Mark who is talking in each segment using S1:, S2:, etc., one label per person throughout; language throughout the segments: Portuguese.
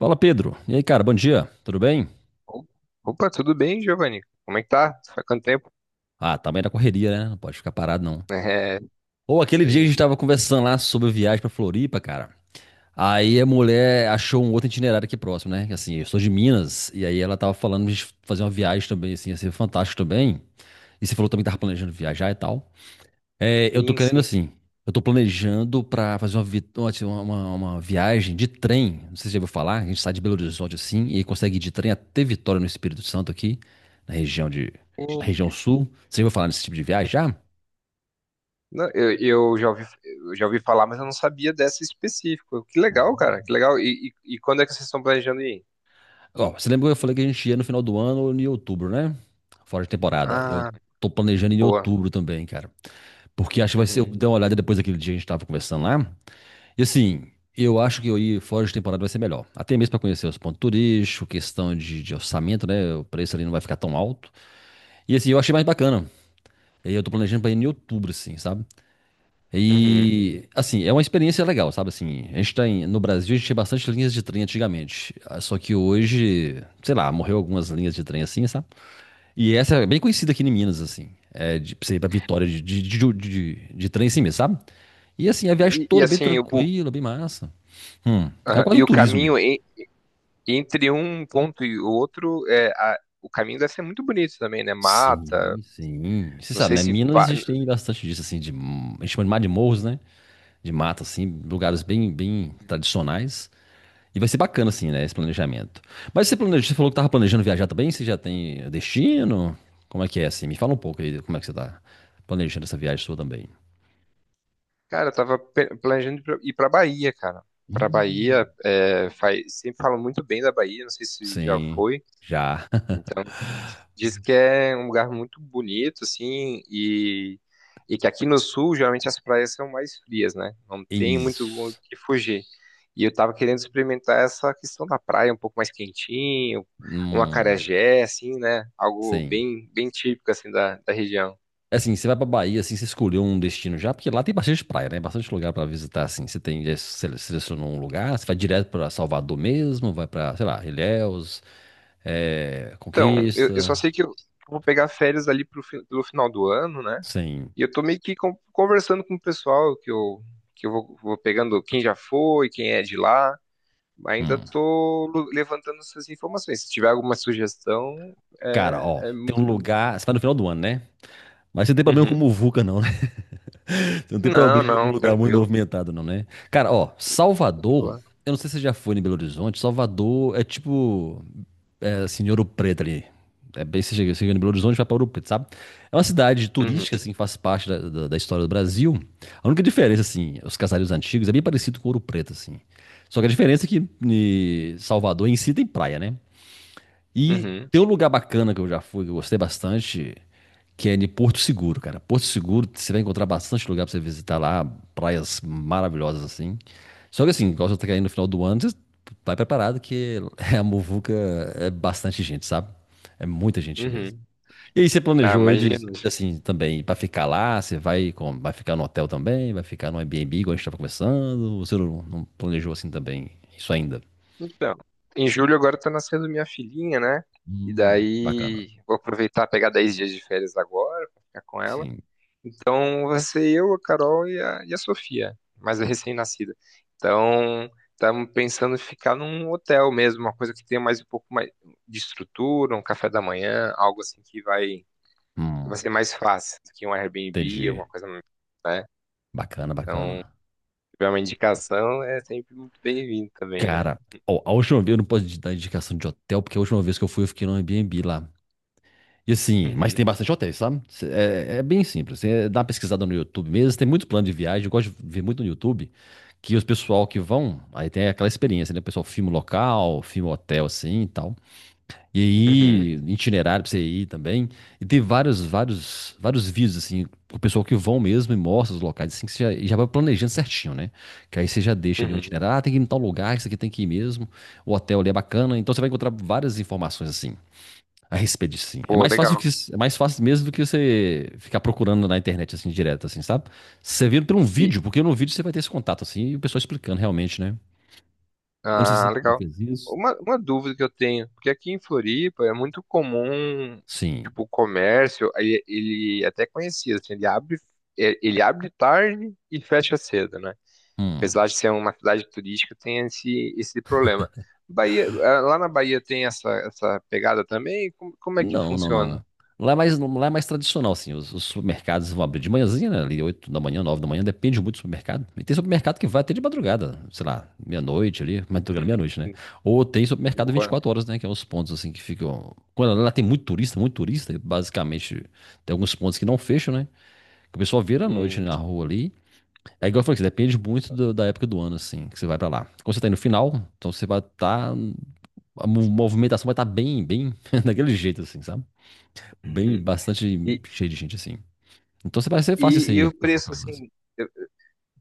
S1: Fala, Pedro. E aí, cara, bom dia. Tudo bem?
S2: Opa, tudo bem, Giovanni? Como é que tá? Faz quanto tempo?
S1: Ah, também da correria, né? Não pode ficar parado, não.
S2: É,
S1: Ou aquele
S2: isso
S1: dia que a
S2: aí.
S1: gente tava conversando lá sobre viagem pra Floripa, cara. Aí a mulher achou um outro itinerário aqui próximo, né? Que, Assim, eu sou de Minas, e aí ela tava falando de fazer uma viagem também, assim, ia ser fantástico também. E você falou também que tava planejando viajar e tal. É, eu tô
S2: Sim,
S1: querendo
S2: sim.
S1: assim. Eu tô planejando pra fazer uma, vi- uma, assim, uma viagem de trem. Não sei se você já ouviu falar. A gente sai de Belo Horizonte assim e consegue ir de trem até Vitória no Espírito Santo aqui, na região de, na
S2: Hum.
S1: região sul. Você já ouviu falar nesse tipo de viagem já?
S2: Não, eu já ouvi, eu já ouvi falar, mas eu não sabia dessa específica. Que legal, cara, que legal. E quando é que vocês estão planejando ir?
S1: Ó, você lembra que eu falei que a gente ia no final do ano em outubro, né? Fora de temporada. Eu
S2: Ah,
S1: tô planejando em
S2: boa.
S1: outubro também, cara. Porque acho que vai ser. Eu
S2: Uhum,
S1: dei uma olhada depois daquele dia que a gente tava conversando lá. E assim, eu acho que eu ir fora de temporada vai ser melhor. Até mesmo para conhecer os pontos turísticos, questão de orçamento, né? O preço ali não vai ficar tão alto. E assim, eu achei mais bacana. E aí eu tô planejando pra ir em outubro, assim, sabe?
S2: uhum.
S1: E assim, é uma experiência legal, sabe? Assim, a gente no Brasil, a gente tinha bastante linhas de trem antigamente. Ah, só que hoje, sei lá, morreu algumas linhas de trem assim, sabe? E essa é bem conhecida aqui em Minas, assim. É de pra você ir pra Vitória de trem assim mesmo, sabe? E assim, a viagem
S2: E
S1: toda bem
S2: assim,
S1: tranquila, bem massa. É
S2: aham,
S1: quase um
S2: e o
S1: turismo mesmo.
S2: caminho entre um ponto e o outro, é, o caminho deve ser muito bonito também, né? Mata,
S1: Sim, sim. Você
S2: não
S1: sabe,
S2: sei
S1: né?
S2: se...
S1: Minas a gente tem bastante disso, assim, de, a gente chama de mar de morros, né? De mata, assim, lugares bem, bem tradicionais. E vai ser bacana, assim, né? Esse planejamento. Mas você planeja, você falou que tava planejando viajar também? Você já tem destino? Como é que é, assim? Me fala um pouco aí, como é que você tá planejando essa viagem sua também.
S2: Cara, eu planejando ir pra Bahia, cara. Pra Bahia,
S1: Hum.
S2: é, sempre falam muito bem da Bahia, não sei se já
S1: Sim,
S2: foi.
S1: já.
S2: Então, diz que é um lugar muito bonito, assim, e que aqui no sul, geralmente as praias são mais frias, né? Não tem muito o
S1: Isso.
S2: que fugir. E eu tava querendo experimentar essa questão da praia, um pouco mais quentinho, um
S1: Hum,
S2: acarajé, assim, né? Algo
S1: sim.
S2: bem, bem típico, assim, da, da região.
S1: Assim, você vai pra Bahia, assim, você escolheu um destino já, porque lá tem bastante praia, né? Bastante lugar pra visitar, assim. Você tem, já selecionou um lugar, você vai direto pra Salvador mesmo, vai pra, sei lá, Ilhéus, é,
S2: Então, eu só
S1: Conquista,
S2: sei que eu vou pegar férias ali pelo final do ano, né?
S1: sim.
S2: E eu tô meio que conversando com o pessoal que eu vou, vou pegando quem já foi, quem é de lá. Ainda
S1: Hum.
S2: tô levantando essas informações. Se tiver alguma sugestão,
S1: Cara,
S2: é,
S1: ó,
S2: é
S1: tem
S2: muito.
S1: um lugar, você vai no final do ano, né? Mas você não tem problema com
S2: Uhum.
S1: muvuca, não, né? Você não tem
S2: Não,
S1: problema com
S2: não,
S1: lugar muito
S2: tranquilo.
S1: movimentado, não, né? Cara, ó,
S2: De
S1: Salvador,
S2: boa.
S1: eu não sei se você já foi em Belo Horizonte, Salvador é tipo... é, assim, em Ouro Preto ali. É bem, você chega em Belo Horizonte, vai para Ouro Preto, sabe? É uma cidade
S2: Uhum,
S1: turística, assim, que faz parte da história do Brasil. A única diferença, assim, os casareiros antigos é bem parecido com Ouro Preto, assim. Só que a diferença é que em Salvador em si tem praia, né? E
S2: uhum,
S1: tem um lugar bacana que eu já fui, que eu gostei bastante, que é em Porto Seguro, cara. Porto Seguro, você vai encontrar bastante lugar pra você visitar lá, praias maravilhosas assim. Só que assim, igual você tá caindo no final do ano, você vai preparado que a muvuca é bastante gente, sabe? É muita gente mesmo.
S2: uhum.
S1: E aí você
S2: Ah,
S1: planejou aí de,
S2: imagino.
S1: assim, também, pra ficar lá, você vai, com, vai ficar no hotel também, vai ficar no Airbnb, igual a gente tava conversando, ou você não, não planejou assim também, isso ainda?
S2: Então, em julho agora tá nascendo minha filhinha, né? E
S1: Bacana.
S2: daí vou aproveitar pegar 10 dias de férias agora pra ficar com ela.
S1: Sim.
S2: Então, vai ser eu, a Carol e a Sofia, mais a recém-nascida. Então, estamos pensando em ficar num hotel mesmo, uma coisa que tenha mais um pouco mais de estrutura, um café da manhã, algo assim que vai,
S1: Hum.
S2: vai ser mais fácil do que um Airbnb,
S1: Entendi.
S2: alguma coisa, né?
S1: Bacana,
S2: Então,
S1: bacana.
S2: se tiver uma indicação, é sempre muito bem-vindo também, né?
S1: Cara, ó, a última vez eu não posso te dar indicação de hotel, porque a última vez que eu fui eu fiquei no Airbnb lá. E assim, mas tem
S2: Uhum,
S1: bastante hotéis, sabe? É, é bem simples. Você dá uma pesquisada no YouTube mesmo. Tem muito plano de viagem. Eu gosto de ver muito no YouTube que os pessoal que vão, aí tem aquela experiência, né? O pessoal filma o local, filma o hotel assim e tal. E
S2: uhum,
S1: aí, itinerário pra você ir também. E tem vários, vários, vários vídeos, assim, o pessoal que vão mesmo e mostra os locais, assim, que você já, e já vai planejando certinho, né? Que aí você já deixa ali um
S2: uhum.
S1: itinerário. Ah, tem que ir em tal lugar, isso aqui tem que ir mesmo. O hotel ali é bacana. Então você vai encontrar várias informações, assim, a respeito disso, sim.
S2: Pô, legal.
S1: É mais fácil mesmo do que você ficar procurando na internet, assim, direto, assim, sabe? Você vira por um
S2: E,
S1: vídeo, porque no vídeo você vai ter esse contato, assim, e o pessoal explicando realmente, né? Eu não sei se
S2: ah,
S1: você já
S2: legal.
S1: fez isso.
S2: Uma dúvida que eu tenho, porque aqui em Floripa é muito comum,
S1: Sim.
S2: tipo, o comércio, ele é até conhecia, assim, ele abre, é, ele abre tarde e fecha cedo, né?
S1: Hum.
S2: Apesar de ser uma cidade turística, tem esse problema. Bahia, ah, lá na Bahia tem essa pegada também? Como, como é que
S1: Não, não, não.
S2: funciona?
S1: Lá é mais tradicional, assim. Os supermercados vão abrir de manhãzinha, né? Ali, 8 da manhã, 9 da manhã, depende muito do supermercado. E tem supermercado que vai até de madrugada, sei lá, meia-noite ali, madrugada, meia-noite, né?
S2: Hum,
S1: Ou tem supermercado vinte e
S2: boa.
S1: quatro horas, né? Que é os pontos, assim, que ficam. Quando lá tem muito turista, e basicamente tem alguns pontos que não fecham, né? Que o pessoal vira à noite
S2: Hum.
S1: na rua ali. É igual eu falei, que depende muito da época do ano, assim, que você vai pra lá. Quando você tá aí no final, então você vai estar. Tá, a movimentação vai estar bem, bem daquele jeito, assim, sabe? Bem, bastante
S2: E,
S1: cheio de gente assim. Então você vai ser fácil isso
S2: e
S1: aí
S2: o
S1: para
S2: preço,
S1: localizar, assim.
S2: assim,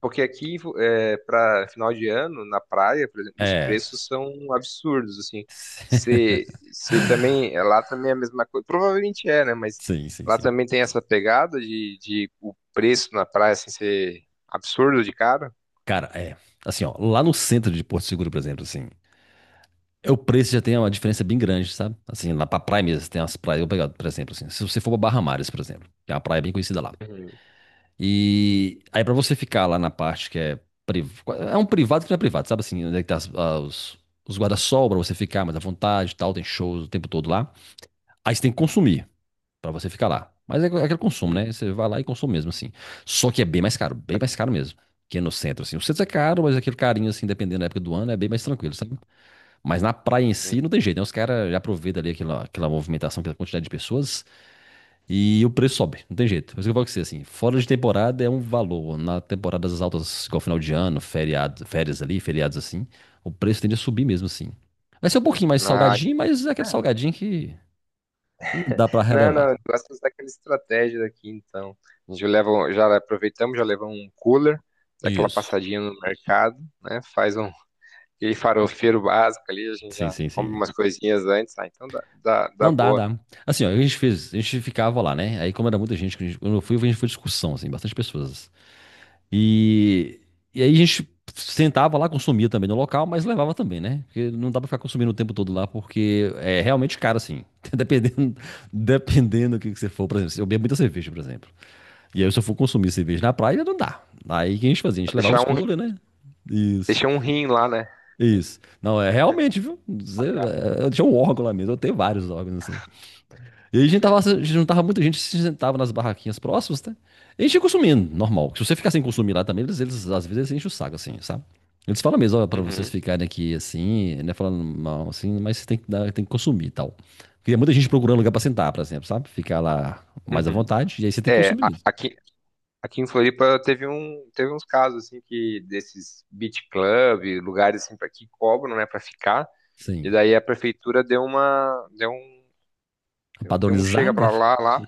S2: porque aqui, é, para final de ano, na praia, por exemplo, os
S1: É.
S2: preços são absurdos, assim. Se, se também, é, lá também é a mesma coisa, provavelmente é, né? Mas
S1: Sim, sim,
S2: lá
S1: sim.
S2: também tem essa pegada de o preço na praia, assim, ser absurdo de cara.
S1: Cara, é. Assim, ó, lá no centro de Porto Seguro, por exemplo, assim, é, o preço já tem uma diferença bem grande, sabe? Assim, lá pra praia mesmo, tem umas praias, eu vou pegar, por exemplo, assim, se você for pra Barra Mares, por exemplo, que é uma praia bem conhecida lá.
S2: Uhum.
S1: E aí pra você ficar lá na parte que é priv... é um privado que não é privado, sabe assim, onde é que tá os guarda-sol pra você ficar mais à vontade e tal, tem shows o tempo todo lá. Aí você tem que consumir. Pra você ficar lá. Mas é aquele consumo,
S2: Uhum.
S1: né? Você vai lá e consome mesmo, assim. Só que é bem mais caro mesmo. Que é no centro, assim. O centro é caro, mas aquele carinho, assim, dependendo da época do ano, é bem mais tranquilo, sabe? Mas na praia em si
S2: Uhum.
S1: não tem jeito, né? Os caras já aproveitam ali aquela, aquela movimentação, aquela quantidade de pessoas e o preço sobe, não tem jeito. Mas o que eu falo com você, assim, fora de temporada é um valor. Na temporada das altas, igual final de ano, feriado, férias ali, feriados assim, o preço tende a subir mesmo, assim. Vai ser um pouquinho mais
S2: Ah,
S1: salgadinho, mas é aquele salgadinho que dá pra
S2: não,
S1: relevar.
S2: não, eu gosto de usar aquela estratégia daqui, então. A gente leva, já aproveitamos, já levamos um cooler, dá aquela
S1: Isso.
S2: passadinha no mercado, né? Faz um aquele farofeiro básico ali, a gente
S1: Sim,
S2: já
S1: sim,
S2: compra
S1: sim.
S2: umas coisinhas antes, ah, então dá, dá, dá
S1: Não dá,
S2: boa.
S1: dá. Assim, ó, a gente fez, a gente ficava lá, né? Aí, como era muita gente, quando eu fui, a gente foi discussão, assim, bastante pessoas. E, e aí a gente sentava lá, consumia também no local, mas levava também, né? Porque não dá pra ficar consumindo o tempo todo lá, porque é realmente caro, assim. Dependendo, dependendo do que você for, por exemplo, se eu bebo muita cerveja, por exemplo. E aí, se eu for consumir cerveja na praia, não dá. Aí, o que a gente fazia? A gente levava
S2: Deixar
S1: os
S2: um,
S1: coolers, né? Isso.
S2: deixar um rim lá, né?
S1: Isso. Não, é realmente, viu? Zé,
S2: Pagar.
S1: é, eu tinha um órgão lá mesmo, eu tenho vários órgãos assim. E aí a gente tava, a gente juntava muita gente, se sentava nas barraquinhas próximas, tá? E a gente ia consumindo, normal. Se você ficar sem consumir lá também, eles, às vezes eles enchem o saco, assim, sabe? Eles falam mesmo, ó, pra vocês
S2: Uhum,
S1: ficarem aqui assim, né? Falando mal, assim, mas você tem que, tem que consumir e tal. Porque é muita gente procurando lugar pra sentar, por exemplo, sabe? Ficar lá mais à
S2: uhum.
S1: vontade, e aí você tem que
S2: É,
S1: consumir mesmo.
S2: aqui, aqui em Floripa teve uns casos assim que desses beach club, lugares assim para que cobram, né, para ficar. E
S1: Sim.
S2: daí a prefeitura deu um chega para
S1: Padronizada?
S2: lá, lá.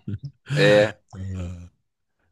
S2: É,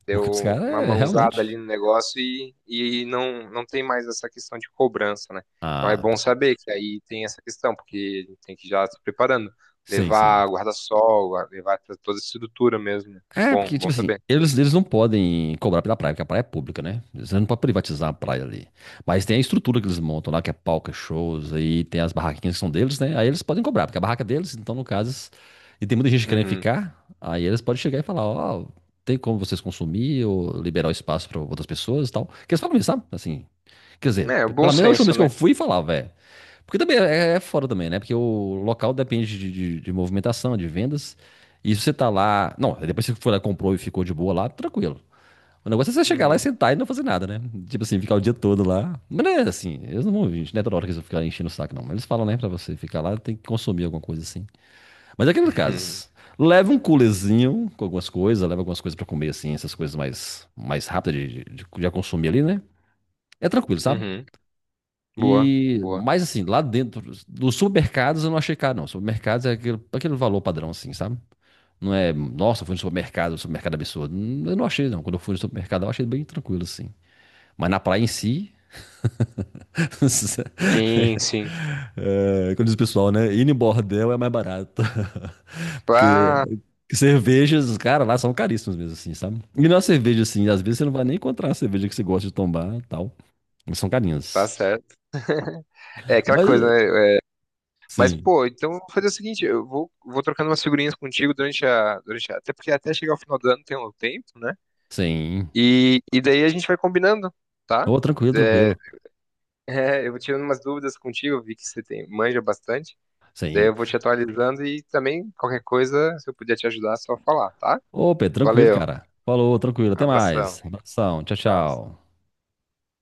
S2: deu
S1: Porque os
S2: uma
S1: caras é
S2: mãozada ali
S1: realmente.
S2: no negócio e não, não tem mais essa questão de cobrança, né? Então é
S1: Ah,
S2: bom
S1: porque...
S2: saber que aí tem essa questão, porque a gente tem que já se preparando,
S1: sim, sim.
S2: levar guarda-sol, levar toda a estrutura mesmo, né?
S1: É, porque,
S2: Bom, bom
S1: tipo assim,
S2: saber.
S1: eles não podem cobrar pela praia, porque a praia é pública, né? Eles não podem privatizar a
S2: Uhum.
S1: praia ali. Mas tem a estrutura que eles montam lá, que é palco, é shows, aí tem as barraquinhas que são deles, né? Aí eles podem cobrar, porque a barraca é deles, então, no caso, e tem muita gente querendo
S2: Uhum.
S1: ficar, aí eles podem chegar e falar, ó, tem como vocês consumir ou liberar o espaço para outras pessoas e tal. Que eles falam isso, sabe? Assim, quer dizer,
S2: É, o bom
S1: pelo menos a última
S2: senso,
S1: vez que eu
S2: né?
S1: fui falar, velho. Porque também é, é fora também, né? Porque o local depende de movimentação, de vendas. E se você tá lá. Não, depois que você foi lá, comprou e ficou de boa lá, tranquilo. O negócio é você chegar lá e
S2: Uhum.
S1: sentar e não fazer nada, né? Tipo assim, ficar o dia todo lá. Mas não é assim, eles não vão vir, não é toda hora que eles vão ficar enchendo o saco, não. Eles falam, né, pra você ficar lá, tem que consumir alguma coisa assim. Mas é aqueles
S2: Uhum.
S1: casos. Leva um coolerzinho com algumas coisas, leva algumas coisas pra comer, assim, essas coisas mais, mais rápidas de consumir ali, né? É tranquilo, sabe?
S2: Uhum. Boa,
S1: E,
S2: boa.
S1: mas assim, lá dentro, dos supermercados eu não achei caro, não. Supermercados é aquele, aquele valor padrão, assim, sabe? Não é, nossa, eu fui no supermercado, um supermercado absurdo. Eu não achei, não. Quando eu fui no supermercado, eu achei bem tranquilo, assim. Mas na praia em si.
S2: Sim, sim.
S1: É, como diz o pessoal, né? Ir em bordel é mais barato. Porque
S2: Ah,
S1: cervejas, cara, lá são caríssimas mesmo, assim, sabe? E na cerveja, assim, às vezes você não vai nem encontrar a cerveja que você gosta de tomar e tal. Mas são
S2: tá
S1: carinhas.
S2: certo. É aquela
S1: Mas,
S2: coisa, né? Mas,
S1: sim,
S2: pô, então eu vou fazer o seguinte, eu vou, vou trocando umas figurinhas contigo durante a Até porque até chegar ao final do ano tem um tempo, né?
S1: sim.
S2: E daí a gente vai combinando, tá?
S1: Ô, tranquilo,
S2: É,
S1: tranquilo.
S2: é, eu vou tirando umas dúvidas contigo, eu vi que você tem, manja bastante. Daí
S1: Sim.
S2: eu vou te atualizando e também qualquer coisa, se eu puder te ajudar, é só falar, tá?
S1: Ô, Pedro, tranquilo,
S2: Valeu,
S1: cara. Falou, tranquilo. Até
S2: abração.
S1: mais. Abração. Tchau,
S2: Tchau.
S1: tchau.